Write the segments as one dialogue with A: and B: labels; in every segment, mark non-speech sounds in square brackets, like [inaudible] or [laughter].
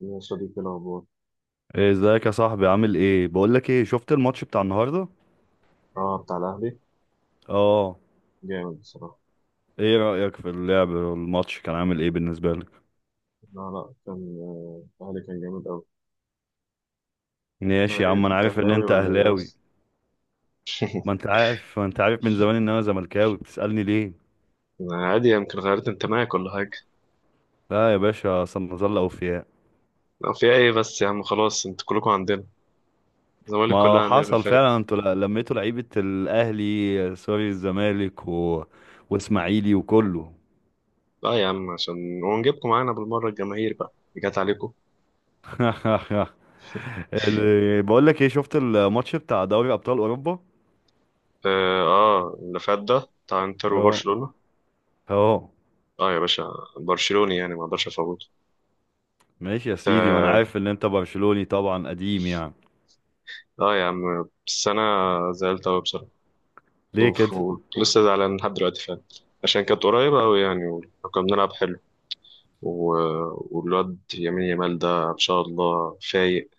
A: يا صديقي الأخبار.
B: إيه، ازيك يا صاحبي؟ عامل ايه؟ بقولك ايه، شفت الماتش بتاع النهارده؟
A: اه، بتاع الأهلي.
B: اه.
A: جامد بصراحة.
B: ايه رأيك في اللعب، الماتش كان عامل ايه بالنسبه لك؟
A: لا، لا، كان الأهلي كان جامد أوي. أنت
B: ماشي يا
A: إيه؟
B: عم، انا
A: أنت
B: عارف ان
A: أهلاوي
B: انت
A: ولا إيه
B: اهلاوي.
A: أصلا؟
B: ما انت عارف من زمان ان انا زملكاوي، بتسألني ليه؟
A: أنا عادي، يمكن غيرت انتمائك ولا حاجة.
B: لا يا باشا، اصل نظل اوفياء.
A: أو في إيه بس يا عم؟ خلاص أنتوا كلكم عندنا. الزمالك كلها
B: ما
A: عندنا في
B: حصل
A: الفرقة.
B: فعلا، انتوا لميتوا لعيبه الاهلي، سوري الزمالك و... واسماعيلي وكله.
A: لا يا عم، عشان ونجيبكم معانا بالمرة، الجماهير بقى اللي جت عليكم.
B: [laughs] بقولك ايه، شفت الماتش بتاع دوري ابطال اوروبا؟
A: آه، آه، اللي فات ده بتاع إنتر
B: اه.
A: وبرشلونة.
B: اه.
A: آه يا باشا. برشلوني يعني ما أقدرش أفوته.
B: ماشي يا سيدي، وانا
A: آه،
B: عارف ان انت برشلوني طبعا، قديم يعني.
A: آه، يا عم السنة زعلت أوي بصراحة.
B: ليه
A: اوف.
B: كده؟
A: لسه زعلان لحد دلوقتي فعلا. عشان كانت قريبة أوي يعني، وكنا بنلعب حلو و... والواد يمين يمال ده إن شاء الله فايق.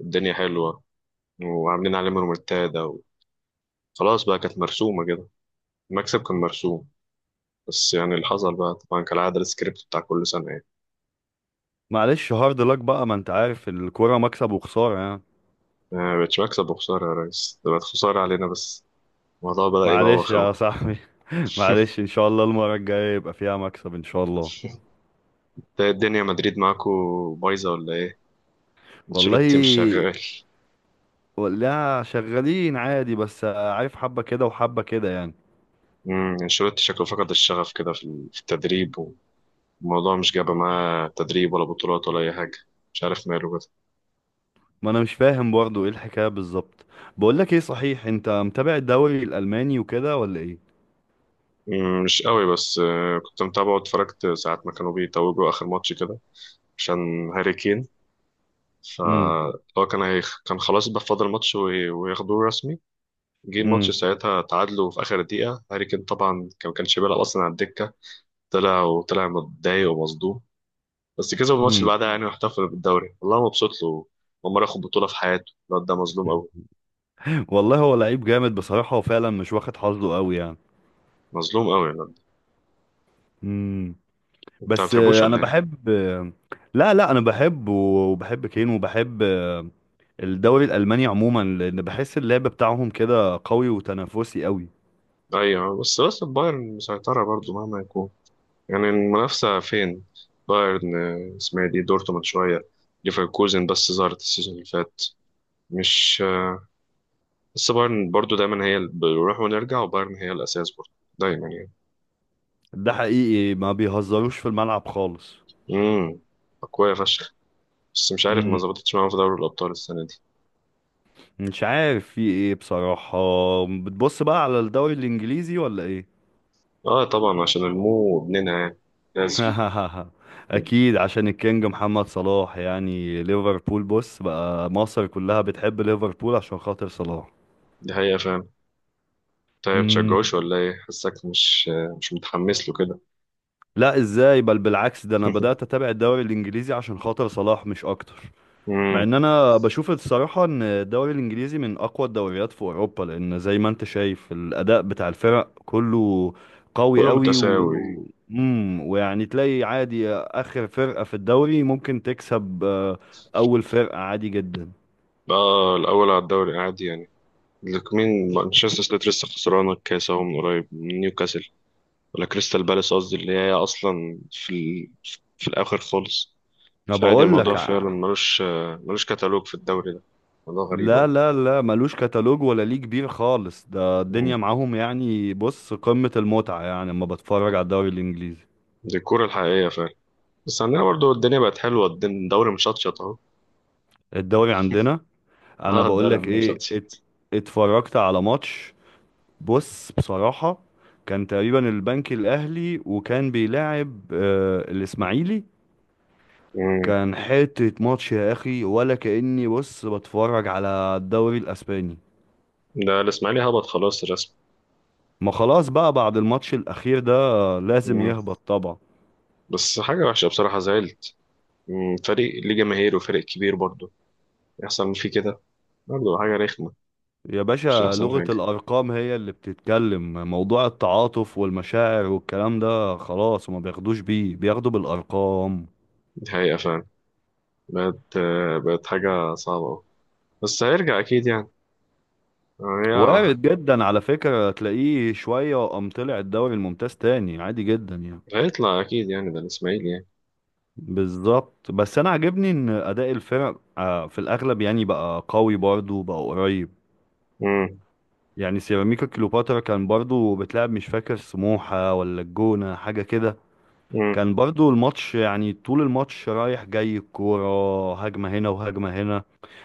A: الدنيا حلوة، وعاملين عليه رومنتادا، وخلاص بقى كانت مرسومة كده. المكسب كان مرسوم. بس يعني اللي حصل بقى طبعا كالعادة السكريبت بتاع كل سنة يعني.
B: معلش، هارد لك بقى، ما انت عارف الكوره مكسب وخساره يعني.
A: ما بقتش مكسب وخسارة يا ريس، ده بقت خسارة علينا بس. الموضوع بدأ
B: معلش
A: يبوخ
B: يا
A: أوي.
B: صاحبي. [laughs]
A: [laughs]
B: معلش، ان شاء الله المره الجايه يبقى فيها مكسب ان شاء الله.
A: ده الدنيا مدريد معاكو بايظة ولا إيه؟ انشيلوتي مش
B: والله،
A: شغال.
B: ولا شغالين عادي، بس عارف حبه كده وحبه كده يعني.
A: انشيلوتي شكله فقد الشغف كده في التدريب. الموضوع مش جاب معاه تدريب ولا بطولات ولا أي حاجة. مش عارف ماله كده.
B: ما انا مش فاهم برضو ايه الحكايه بالظبط. بقول لك ايه، صحيح انت متابع الدوري الالماني وكده ولا ايه؟
A: مش قوي بس كنت متابعه واتفرجت ساعات ما كانوا بيتوجوا آخر ماتش كده، عشان هاري كين.
B: امم.
A: فهو كان كان خلاص بقى فاضل ماتش وياخدوه رسمي. جه الماتش
B: امم.
A: ساعتها تعادلوا في آخر دقيقة، هاري كين طبعا ما كانش بيلعب أصلا على الدكة. طلع، وطلع متضايق ومصدوم. بس كسب الماتش اللي بعدها
B: [laughs]
A: يعني، واحتفل بالدوري، والله مبسوط له. أول مرة ياخد بطولة في حياته، الواد ده مظلوم قوي.
B: والله، هو لعيب جامد بصراحه وفعلا مش واخد حظه قوي يعني.
A: مظلوم قوي.
B: امم.
A: انت ما
B: بس
A: بتحبوش
B: انا
A: ولا ايه؟
B: بحب، لا لا، انا بحب وبحب كين وبحب، الدوري الالماني عموما، لان بحس اللعب بتاعهم كده قوي وتنافسي قوي.
A: ايوه، بس البايرن مسيطرة برضو مهما يكون. يعني المنافسة فين؟ بايرن. اسمها إيه دي؟ دورتموند شوية، ليفركوزن بس ظهرت السيزون اللي فات. مش بس بايرن برضو دايما هي اللي بنروح ونرجع، وبايرن هي الأساس برضو دايما يعني.
B: ده حقيقي، ما بيهزروش في الملعب خالص.
A: امم أقوياء فشخ. بس مش عارف ما
B: امم.
A: ظبطتش معاهم في دوري الأبطال السنة دي.
B: مش عارف في ايه بصراحة. بتبص بقى على الدوري الانجليزي ولا ايه؟
A: اه طبعا عشان المو ابننا يعني، لازم.
B: [laughs] اكيد عشان الكينج محمد صلاح يعني، ليفربول بص بقى مصر كلها بتحب ليفربول عشان خاطر صلاح.
A: دي حقيقة فعلا. طيب تشجعوش ولا ايه؟ حاسك مش مش متحمس له كده.
B: لا ازاي؟ بل بالعكس، ده انا بدأت
A: [laughs]
B: اتابع الدوري الانجليزي عشان خاطر صلاح مش اكتر. مع
A: امم
B: ان انا بشوف الصراحة ان الدوري الانجليزي من اقوى الدوريات في اوروبا، لان زي ما انت شايف الاداء بتاع الفرق كله قوي
A: كله
B: قوي.
A: متساوي.
B: و... امم. ويعني تلاقي عادي اخر فرقة في الدوري ممكن تكسب، اول فرقة عادي جدا.
A: بقى الأول على الدوري العادي يعني، لك مين؟ مانشستر سيتي لسه خسرانة الكاس أهو من قريب من نيوكاسل، ولا كريستال بالاس قصدي اللي هي أصلا في الآخر خالص.
B: ما
A: فعادي،
B: بقول
A: الموضوع
B: لك.
A: فعلا ملوش. ملوش كتالوج في الدوري ده. موضوع غريب
B: لا
A: أوي.
B: لا لا، ملوش كتالوج ولا ليه كبير خالص، ده
A: مم.
B: الدنيا معاهم يعني، بص قمة المتعة يعني لما بتفرج على الدوري الإنجليزي.
A: دي الكورة الحقيقية فعلا. بس عندنا برضو الدنيا بقت حلوة، الدوري مشطشط أهو.
B: الدوري عندنا،
A: [laughs]
B: انا
A: اه
B: بقول
A: الدوري
B: لك
A: عندنا
B: ايه،
A: مشطشط.
B: اتفرجت على ماتش. بص بصراحة، كان تقريبا البنك الاهلي وكان بيلاعب الاسماعيلي.
A: مم.
B: كان حتة ماتش يا اخي، ولا كأني بص بتفرج على الدوري الاسباني.
A: ده الإسماعيلي هبط خلاص الرسم.
B: ما خلاص بقى، بعد الماتش الاخير ده لازم
A: مم.
B: يهبط طبعا.
A: بس حاجة وحشة بصراحة، زعلت. مم. فريق ليه جماهير وفريق كبير برضو، يحصل فيه كده. برضه حاجة رخمة.
B: يا
A: مش
B: باشا،
A: أحسن
B: لغة
A: حاجة.
B: الارقام هي اللي بتتكلم، موضوع التعاطف والمشاعر والكلام ده خلاص وما بياخدوش بيه، بياخدوا بالارقام.
A: دي حقيقة فعلا. بقت بقت حاجة صعبة أوي. بس هيرجع أكيد يعني. آه،
B: وارد جدا على فكرة، تلاقيه شوية وقام طلع الدوري الممتاز تاني عادي جدا يعني.
A: يا هيطلع أكيد يعني، ده الإسماعيلي يعني.
B: بالظبط، بس انا عاجبني ان اداء الفرق في الاغلب يعني بقى قوي برضه، بقى قريب.
A: مم.
B: يعني سيراميكا كليوباترا كان برضه بتلعب مش فاكر سموحة ولا الجونة حاجة كده.
A: مم.
B: كان برضه الماتش يعني، طول الماتش رايح جاي الكورة هجمة هنا وهجمة هنا،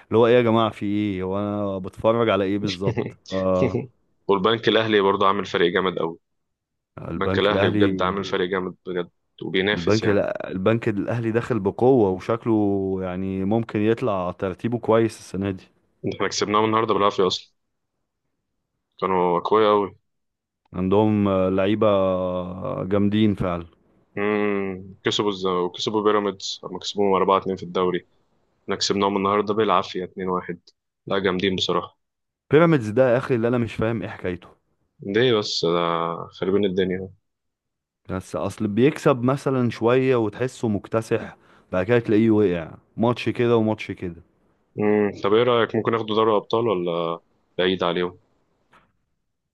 B: اللي هو ايه يا جماعة، في ايه وانا بتفرج على ايه بالظبط؟ آه.
A: [laughs] والبنك الأهلي برضه عامل فريق جامد أوي. البنك
B: البنك
A: الأهلي بجد
B: الاهلي.
A: عامل فريق جامد بجد، وبينافس
B: البنك
A: يعني.
B: لا البنك الاهلي داخل بقوه، وشكله يعني ممكن يطلع ترتيبه كويس السنه دي.
A: إحنا كسبناهم النهاردة بالعافية أصلا. كانوا أقوياء أوي.
B: عندهم لعيبه جامدين فعلا.
A: مم. كسبوا وكسبوا بيراميدز لما كسبوهم 4-2 في الدوري. إحنا كسبناهم النهاردة بالعافية 2-1. لا، جامدين بصراحة.
B: بيراميدز ده يا اخي اللي انا مش فاهم ايه حكايته.
A: ليه بس ده؟ خربين الدنيا اهو.
B: بس اصل بيكسب مثلا شويه وتحسه مكتسح، بعد كده تلاقيه وقع ماتش كده وماتش كده.
A: مم، طب ايه رأيك؟ ممكن ياخدوا دوري ابطال ولا بعيد عليهم؟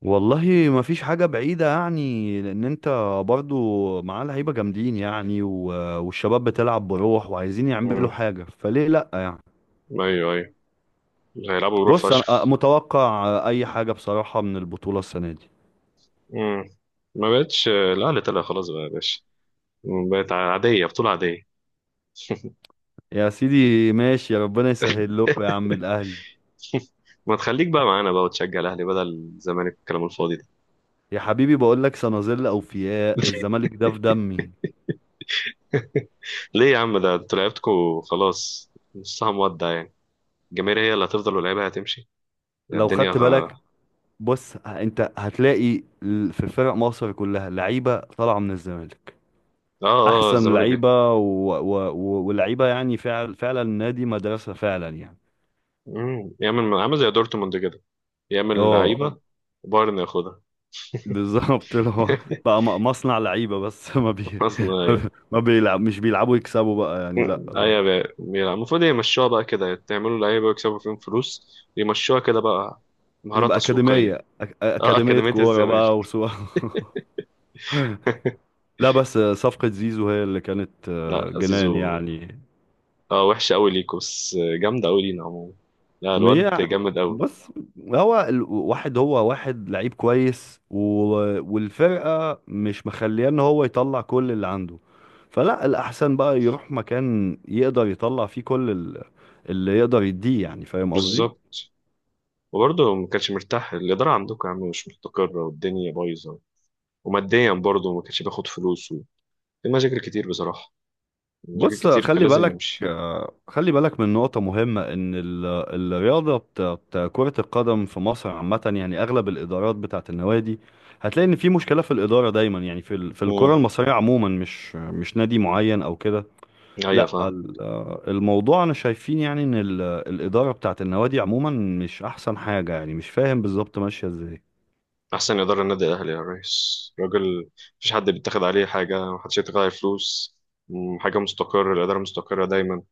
B: والله ما فيش حاجه بعيده يعني، لان انت برضو معاه لعيبه جامدين يعني والشباب بتلعب بروح وعايزين يعملوا
A: امم.
B: حاجه، فليه لا يعني.
A: ايوه، ايوه، هيلعبوا بروح
B: بص انا
A: فشخ.
B: متوقع اي حاجه بصراحه من البطوله السنه دي.
A: امم. ما بقتش الاهلي طلع خلاص بقى يا باشا، بقت عادية، بطولة عادية.
B: يا سيدي ماشي، يا ربنا يسهل لكم يا
A: [laughs]
B: عم الاهلي.
A: ما تخليك بقى معانا بقى، وتشجع الاهلي بدل الزمالك الكلام الفاضي ده.
B: يا حبيبي، بقول لك سنظل اوفياء، الزمالك ده في دمي.
A: [laughs] ليه يا عم؟ ده انتوا لعيبتكوا خلاص نصها مودع يعني. الجماهير هي اللي هتفضل واللعيبه هتمشي.
B: لو خدت بالك،
A: اه.
B: بص، انت هتلاقي في فرق مصر كلها لعيبه طالعه من الزمالك.
A: اه،
B: احسن
A: الزمالك
B: لعيبه و... و... و... ولعيبه، يعني فعل فعلا النادي مدرسه فعلا يعني.
A: مم. يعمل عامل زي دورتموند كده، يعمل
B: اه.
A: لعيبه، بايرن ياخدها.
B: بالظبط، اللي هو
A: [laughs]
B: بقى مصنع لعيبة بس. [laughs]
A: خلصنا، ايوه.
B: ما بيلعب، مش بيلعبوا يكسبوا بقى يعني لا.
A: ايوه بيلعب، المفروض يمشوها بقى كده، تعملوا لعيبه ويكسبوا فيهم فلوس، يمشوها كده بقى. مهارات
B: تبقى أكاديمية،
A: تسويقيه. اه،
B: أكاديمية
A: اكاديميه
B: كورة بقى
A: الزمالك.
B: وسوا. [laughs] لا بس صفقة زيزو هي اللي كانت
A: لا
B: جنان
A: زيزو،
B: يعني.
A: اه وحشه قوي ليكوا بس، جامده قوي لينا عموما. لا الواد
B: هي
A: جامد قوي.
B: بص هو الواحد هو واحد لعيب كويس والفرقة مش مخليه ان هو يطلع كل اللي عنده، فلا الأحسن بقى يروح مكان يقدر يطلع فيه كل اللي يقدر يديه يعني، فاهم قصدي؟
A: بالظبط. وبرضه ما كانش مرتاح، الاداره عندكم يا عم مش مستقره والدنيا بايظه. وماديا برضه ما كانش بياخد فلوس في مشاكل كتير بصراحه. مشاكل
B: بص
A: كتير كان
B: خلي
A: لازم
B: بالك،
A: يمشي.
B: خلي بالك من نقطة مهمة، إن الرياضة بتاعت كرة القدم في مصر عامة، يعني أغلب الإدارات بتاعت النوادي هتلاقي إن في مشكلة في الإدارة دايما، يعني في في
A: امم
B: الكرة المصرية عموما، مش نادي معين أو كده.
A: ايوه
B: لا
A: فاهم.
B: الموضوع أنا شايفين يعني إن الإدارة بتاعت النوادي عموما مش أحسن حاجة يعني، مش فاهم بالظبط ماشية إزاي.
A: أحسن إدارة النادي الأهلي يا ريس، راجل. مفيش حد بيتاخد عليه حاجة، محدش يتاخد عليه فلوس. مم، حاجة مستقرة، الإدارة مستقرة دايما.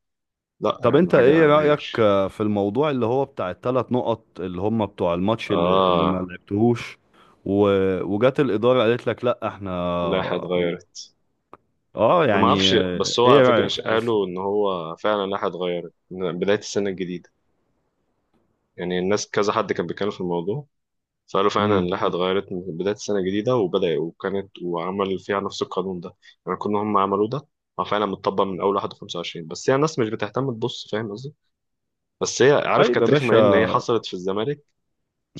A: لا يا
B: طب
A: عم،
B: انت
A: حاجة
B: ايه رأيك
A: غير.
B: في الموضوع اللي هو بتاع الـ3 نقط اللي هم بتوع الماتش، اللي ما
A: آه،
B: لعبتهوش، و... وجات الإدارة قالت لك لا احنا.
A: اللائحة اتغيرت.
B: اه
A: أنا ما
B: يعني،
A: أعرفش، بس هو
B: ايه
A: على فكرة
B: رأيك في بس.
A: قالوا إن هو فعلا اللائحة اتغيرت من بداية السنة الجديدة. يعني الناس كذا حد كان بيتكلم في الموضوع. فقالوا فعلا
B: امم.
A: اللائحة اتغيرت من بداية السنة الجديدة، وبدأ وكانت وعمل فيها نفس القانون ده. يعني كنا هم عملوه ده. هو فعلا متطبق من أول 1 25، بس هي يعني الناس مش بتهتم تبص، فاهم قصدي؟ بس هي عارف
B: طيب يا
A: كانت
B: باشا.
A: رخمة ان هي حصلت في الزمالك.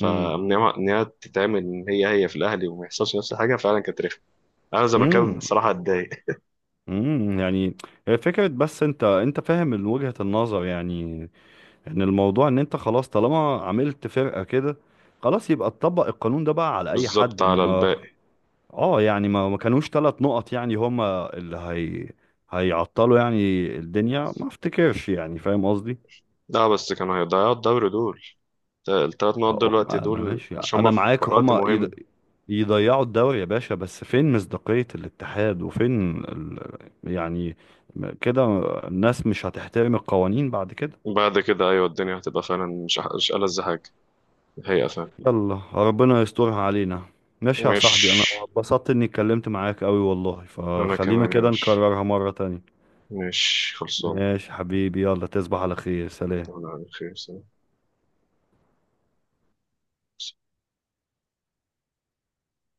B: امم.
A: هي إن هي تتعمل ان هي هي في الاهلي وما يحصلش نفس الحاجة، فعلا كانت رخمة. انا زملكاوي
B: امم.
A: بصراحة، اتضايق.
B: يعني، هي فكرة، بس انت فاهم من وجهة النظر يعني، ان الموضوع ان انت خلاص طالما عملت فرقة كده، خلاص يبقى تطبق القانون ده بقى على اي حد
A: بالظبط، على
B: انما.
A: الباقي.
B: اه يعني، ما كانوش 3 نقط يعني، هما اللي هي هيعطلوا يعني الدنيا، ما افتكرش يعني، فاهم قصدي؟
A: لا بس كانوا هيضيعوا الدوري دول، الثلاث نقط
B: هم
A: دلوقتي
B: ما
A: دول
B: ماشي
A: عشان هما
B: انا
A: في
B: معاك،
A: وقت
B: هما
A: مهم.
B: يضيعوا الدوري يا باشا، بس فين مصداقية الاتحاد وفين ال... يعني كده الناس مش هتحترم القوانين بعد كده.
A: بعد كده ايوه، الدنيا هتبقى فعلا مش ألذ حاجة. هي فعلا.
B: يلا ربنا يسترها علينا. ماشي يا
A: مش،
B: صاحبي، انا اتبسطت اني اتكلمت معاك قوي والله،
A: انا
B: فخلينا
A: كمان يا
B: كده
A: باشا،
B: نكررها مرة تانية.
A: مش خلصانة.
B: ماشي حبيبي، يلا تصبح على خير، سلام.
A: انا على خير سلام.